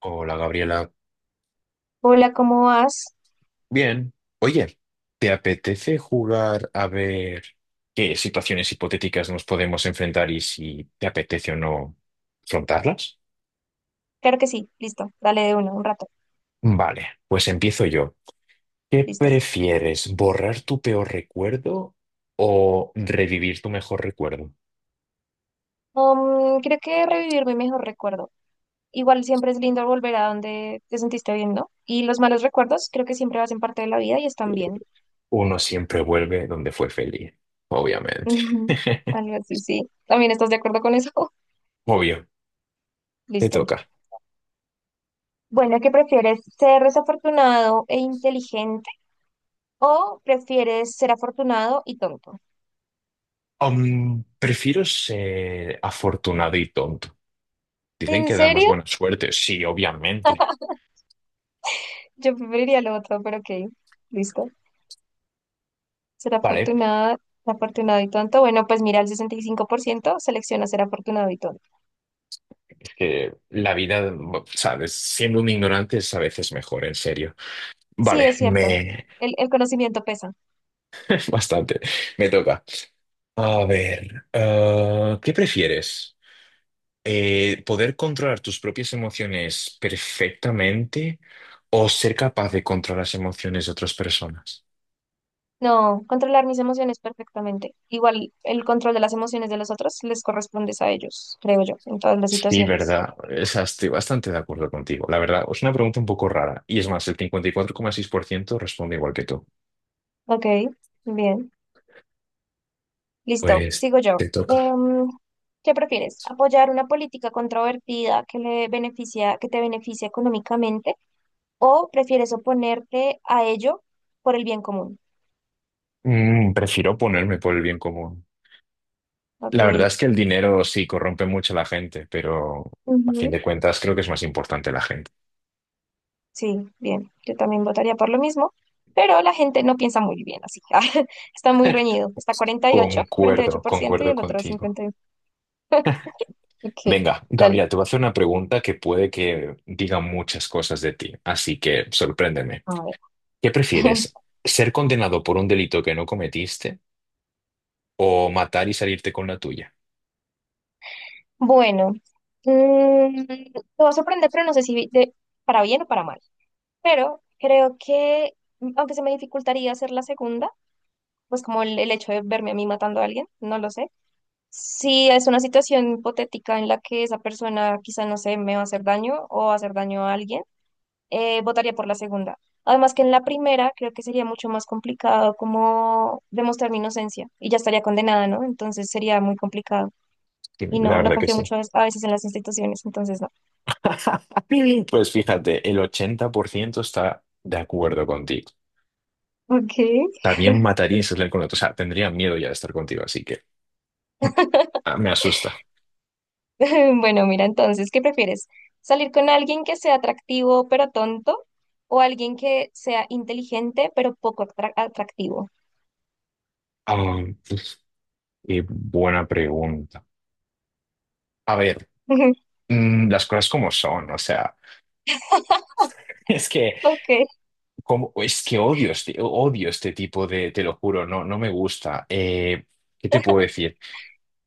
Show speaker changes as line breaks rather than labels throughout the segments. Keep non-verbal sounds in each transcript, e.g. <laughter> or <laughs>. Hola Gabriela.
Hola, ¿cómo vas?
Bien. Oye, ¿te apetece jugar a ver qué situaciones hipotéticas nos podemos enfrentar y si te apetece o no afrontarlas?
Claro que sí, listo, dale de uno, un rato,
Vale, pues empiezo yo. ¿Qué
listo.
prefieres, borrar tu peor recuerdo o revivir tu mejor recuerdo?
Creo que revivir mi mejor recuerdo. Igual siempre es lindo volver a donde te sentiste bien, ¿no? Y los malos recuerdos creo que siempre hacen parte de la vida y están
Eh,
bien.
Uno siempre vuelve donde fue feliz, obviamente.
<laughs>
<laughs>
Algo así, sí. ¿También estás de acuerdo con eso?
Obvio,
<laughs>
te
Listo.
toca.
Bueno, ¿qué prefieres? ¿Ser desafortunado e inteligente o prefieres ser afortunado y tonto?
Prefiero ser afortunado y tonto. Dicen
¿En
que da más
serio?
buena suerte, sí, obviamente.
Yo preferiría lo otro, pero ok, listo. Ser
Vale,
afortunada, afortunado y tonto. Bueno, pues mira, el 65% selecciona ser afortunado y tonto.
es que la vida, sabes, siendo un ignorante es a veces mejor, en serio.
Sí,
Vale,
es cierto.
me...
El conocimiento pesa.
<laughs> Bastante, me toca. A ver, ah, ¿qué prefieres? ¿Poder controlar tus propias emociones perfectamente o ser capaz de controlar las emociones de otras personas?
No, controlar mis emociones perfectamente. Igual el control de las emociones de los otros les corresponde a ellos, creo yo, en todas las
Sí,
situaciones.
verdad. Esa estoy bastante de acuerdo contigo. La verdad, es una pregunta un poco rara. Y es más, el 54,6% responde igual que tú.
Ok, bien. Listo,
Pues
sigo yo.
te toca.
Em, ¿Qué prefieres? ¿Apoyar una política controvertida que le beneficia, que te beneficia económicamente o prefieres oponerte a ello por el bien común?
Prefiero ponerme por el bien común.
Ok.
La verdad es que el dinero sí corrompe mucho a la gente, pero a fin
Ujú.
de cuentas creo que es más importante la gente.
Sí, bien, yo también votaría por lo mismo, pero la gente no piensa muy bien así. <laughs> Ah, está muy reñido. Está cuarenta y ocho cuarenta y ocho
Concuerdo,
por ciento y
concuerdo
el otro
contigo.
51. Ok,
Venga,
dale.
Gabriela, te voy a hacer una pregunta que puede que diga muchas cosas de ti, así que sorpréndeme.
A ver.
¿Qué
<laughs>
prefieres? ¿Ser condenado por un delito que no cometiste o matar y salirte con la tuya?
Bueno, mm, te va a sorprender, pero no sé si de- para bien o para mal. Pero creo que, aunque se me dificultaría hacer la segunda, pues como el hecho de verme a mí matando a alguien, no lo sé. Si es una situación hipotética en la que esa persona quizá, no sé, me va a hacer daño o va a hacer daño a alguien votaría por la segunda. Además que en la primera creo que sería mucho más complicado como demostrar mi inocencia y ya estaría condenada, ¿no? Entonces sería muy complicado
Sí,
y
la
no, no
verdad que
confío
sí.
mucho a veces en las instituciones, entonces no.
<laughs> Pues fíjate, el 80% está de acuerdo contigo.
Ok.
También mataría y se saldría con otro. O sea, tendría miedo ya de estar contigo, así que <laughs> ah, me asusta.
<laughs> Bueno, mira, entonces, ¿qué prefieres? ¿Salir con alguien que sea atractivo pero tonto o alguien que sea inteligente pero poco atractivo?
Ah, qué buena pregunta. A ver,
<laughs>
las cosas como son, o sea, <laughs> es que,
Ok,
como, es que odio este tipo de, te lo juro, no, no me gusta. ¿Qué te puedo decir?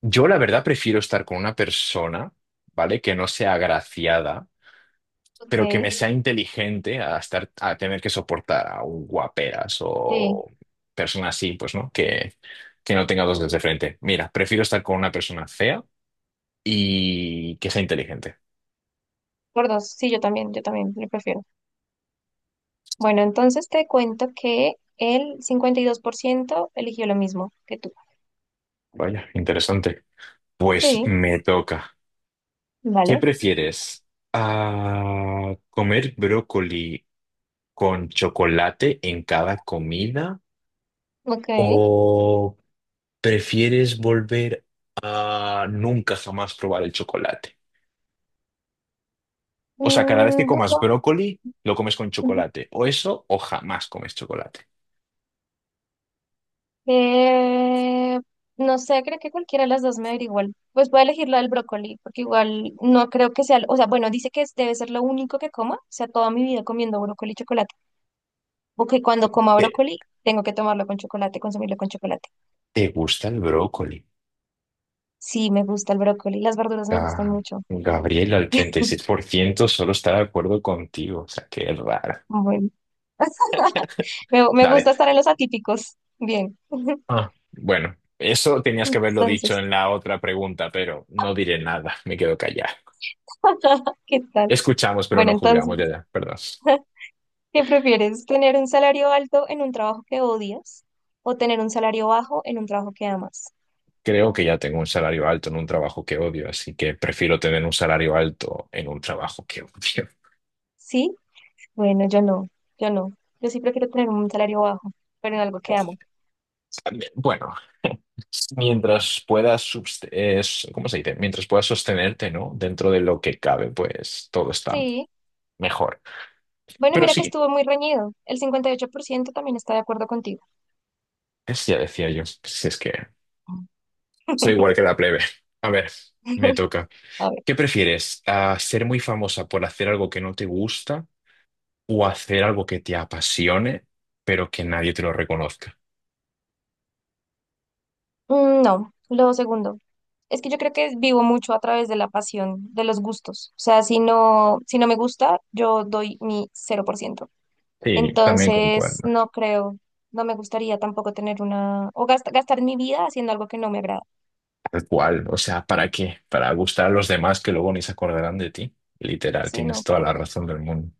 Yo la verdad prefiero estar con una persona, ¿vale? Que no sea agraciada pero que me
ok,
sea inteligente a estar, a tener que soportar a un guaperas
sí,
o persona así, pues, ¿no? Que no tenga dos dedos de frente. Mira, prefiero estar con una persona fea y que sea inteligente.
por dos, sí, yo también, lo prefiero. Bueno, entonces te cuento que el 52% eligió lo mismo que tú.
Vaya, interesante. Pues
Sí,
me toca. ¿Qué
vale.
prefieres? ¿Comer brócoli con chocolate en cada comida?
Ok.
¿O prefieres volver a nunca jamás probar el chocolate? O sea, cada vez
Mm,
que
no,
comas
no.
brócoli, lo comes con
Ujú.
chocolate. O eso, o jamás comes chocolate.
Eh, no sé, creo que cualquiera de las dos me daría igual. Pues voy a elegir la del brócoli, porque igual no creo que sea, o sea, bueno, dice que es- debe ser lo único que coma, o sea, toda mi vida comiendo brócoli y chocolate, o que cuando coma
¿Te,
brócoli tengo que tomarlo con chocolate, consumirlo con chocolate.
¿Te gusta el brócoli?
Sí, me gusta el brócoli, las verduras me gustan
Ga-
mucho.
Gabriela, el 36% solo está de acuerdo contigo. O sea, qué raro.
Bueno. <laughs> Me
Dale.
gusta estar en los atípicos. Bien. <laughs>
Ah, bueno, eso tenías que haberlo dicho
Entonces,
en la otra pregunta, pero no diré nada. Me quedo callado.
<laughs> ¿qué tal?
Escuchamos, pero
Bueno,
no juzgamos.
entonces,
Ya, ya, perdón.
<laughs> ¿qué prefieres? ¿Tener un salario alto en un trabajo que odias o tener un salario bajo en un trabajo que amas?
Creo que ya tengo un salario alto en un trabajo que odio, así que prefiero tener un salario alto en un trabajo que odio.
¿Sí? Bueno, yo no, yo no. Yo sí prefiero tener un salario bajo, pero en algo que amo.
<laughs> También, bueno. Mientras puedas, ¿cómo se dice? Mientras puedas sostenerte, ¿no? Dentro de lo que cabe, pues todo está
Sí.
mejor.
Bueno,
Pero
mira que
sí,
estuvo muy reñido. El 58% también está de acuerdo contigo.
ya decía yo, si es que soy igual que
<laughs>
la plebe. A ver, me toca.
A
¿Qué prefieres? ¿A ¿Ser muy famosa por hacer algo que no te gusta o hacer algo que te apasione, pero que nadie te lo reconozca?
Mm, no, lo segundo. Es que yo creo que vivo mucho a través de la pasión, de los gustos. O sea, si no me gusta, yo doy mi 0%.
Sí, también
Entonces,
concuerdo.
no creo, no me gustaría tampoco tener una, o gastar mi vida haciendo algo que no me agrada.
Tal cual, o sea, ¿para qué? Para gustar a los demás que luego ni se acordarán de ti. Literal,
Sí,
tienes
no,
toda
¿para
la
qué?
razón del mundo.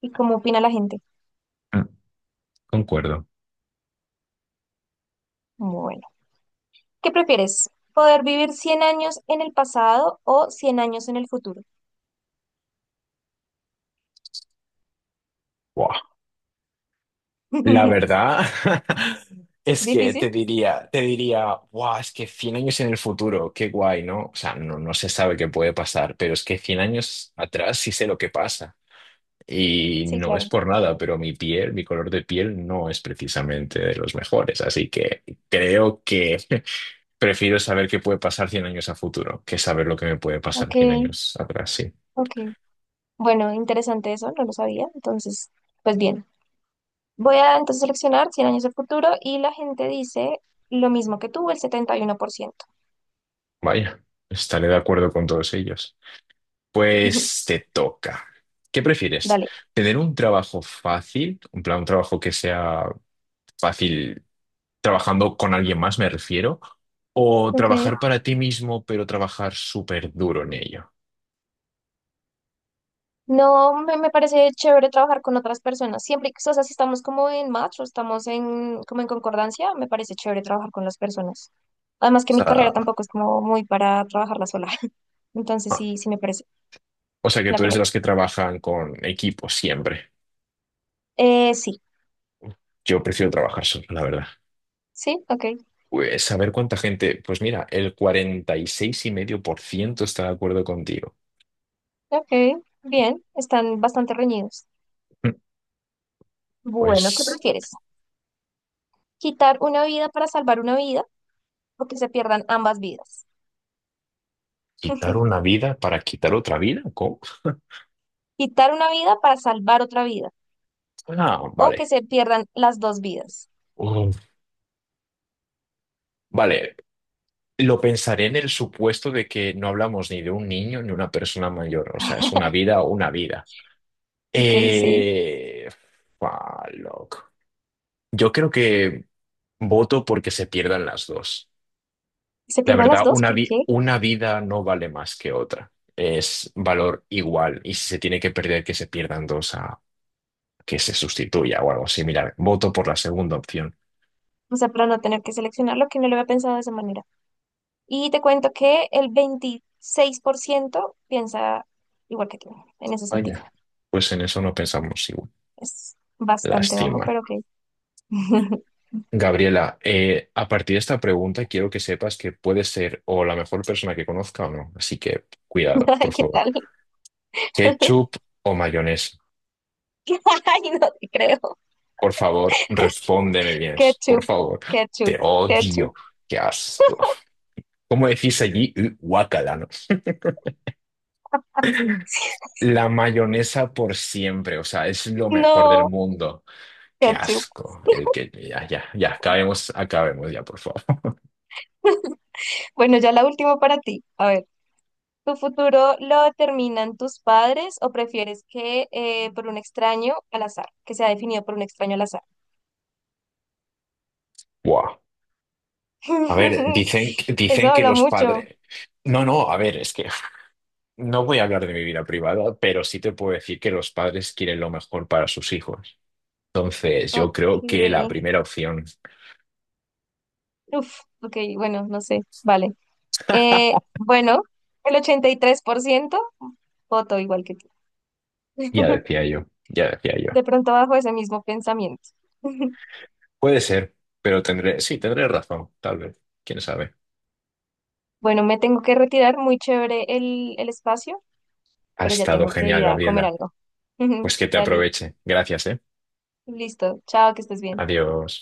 ¿Y cómo opina la gente?
Concuerdo.
Bueno, ¿qué prefieres? ¿Poder vivir 100 años en el pasado o 100 años en el futuro?
Buah, la
<laughs>
verdad <laughs> es que
¿Difícil?
te diría, guau, es que 100 años en el futuro, qué guay, ¿no? O sea, no, no se sabe qué puede pasar, pero es que 100 años atrás sí sé lo que pasa. Y
Sí,
no es
claro.
por nada, pero mi color de piel no es precisamente de los mejores. Así que creo que <laughs> prefiero saber qué puede pasar 100 años a futuro que saber lo que me puede
Ok,
pasar 100 años atrás, sí.
ok. Bueno, interesante eso, no lo sabía. Entonces, pues bien, voy a entonces seleccionar 100 años del futuro y la gente dice lo mismo que tú, el 71%.
Vaya, estaré de acuerdo con todos ellos. Pues
<laughs>
te toca. ¿Qué prefieres?
Dale.
¿Tener un trabajo fácil, un plan, un trabajo que sea fácil trabajando con alguien más, me refiero, o
Ok,
trabajar para ti mismo, pero trabajar súper duro en ello?
no, me parece chévere trabajar con otras personas. Siempre, que- o sea, si estamos como en match o estamos en, como en concordancia, me parece chévere trabajar con las personas.
O
Además que mi carrera
sea,
tampoco es como muy para trabajarla sola. <laughs> Entonces
ah,
sí, sí me parece.
o sea, que
La
tú eres de
primera.
los que trabajan con equipo siempre.
Sí,
Yo prefiero trabajar solo, la verdad.
sí, ok,
Pues saber cuánta gente, pues mira, el 46,5% está de acuerdo contigo.
ok, bien, están bastante reñidos.
Mm,
Bueno, ¿qué
Pues
prefieres? ¿Quitar una vida para salvar una vida o que se pierdan ambas vidas?
quitar una vida para quitar otra vida, ¿cómo?
¿Quitar una vida para salvar otra vida
Ah,
o que
vale.
se pierdan las dos vidas?
Uf. Vale, lo pensaré en el supuesto de que no hablamos ni de un niño ni una persona mayor. O sea, es una vida o una vida.
Ok, sí.
Eh... Fua, loco. Yo creo que voto porque se pierdan las dos.
¿Se
La
pierdan las
verdad,
dos? ¿Por qué?
una vida no vale más que otra. Es valor igual. Y si se tiene que perder, que se pierdan dos a que se sustituya o algo similar. Voto por la segunda opción.
O sea, para no tener que seleccionar lo que no lo había pensado de esa manera. Y te cuento que el 26% piensa igual que tú, en ese sentido.
Vaya. Pues en eso no pensamos igual.
Es bastante bajo,
Lástima.
pero ok. <laughs>
Gabriela, a partir de esta pregunta quiero que sepas que puedes ser o la mejor persona que conozca o no. Así que cuidado, por
Ay, ¿qué
favor.
tal? <laughs>
¿Ketchup o mayonesa?
Ay, no te creo.
Por favor, respóndeme bien. Por
Ketchup,
favor,
ketchup,
te
ketchup.
odio. Qué asco. ¿Cómo decís allí? Guácala, ¿no? La mayonesa por siempre, o sea, es lo mejor del
No.
mundo. Qué
Ketchup.
asco. El que ya, ya, ya, acabemos, acabemos ya, por favor.
<laughs> Bueno, ya la última para ti. A ver, ¿tu futuro lo determinan tus padres o prefieres que por un extraño al azar, que sea definido por un extraño al azar?
Guau. A ver,
<laughs>
dicen,
Eso
dicen que
habla
los
mucho.
padres. No, no, a ver, es que no voy a hablar de mi vida privada, pero sí te puedo decir que los padres quieren lo mejor para sus hijos. Entonces,
Ok.
yo creo que la primera opción,
Uf, ok, bueno, no sé. Vale.
<laughs>
Bueno, el 83% voto igual que tú.
ya
<laughs>
decía yo, ya decía yo.
De pronto bajo ese mismo pensamiento. <laughs>
Puede ser, pero tendré, sí, tendré razón, tal vez. ¿Quién sabe?
Bueno, me tengo que retirar. Muy chévere el espacio,
Ha
pero ya
estado
tengo que
genial,
ir a comer
Gabriela.
algo. <laughs>
Pues que te
Dale,
aproveche. Gracias, ¿eh?
listo. Chao, que estés bien.
Adiós.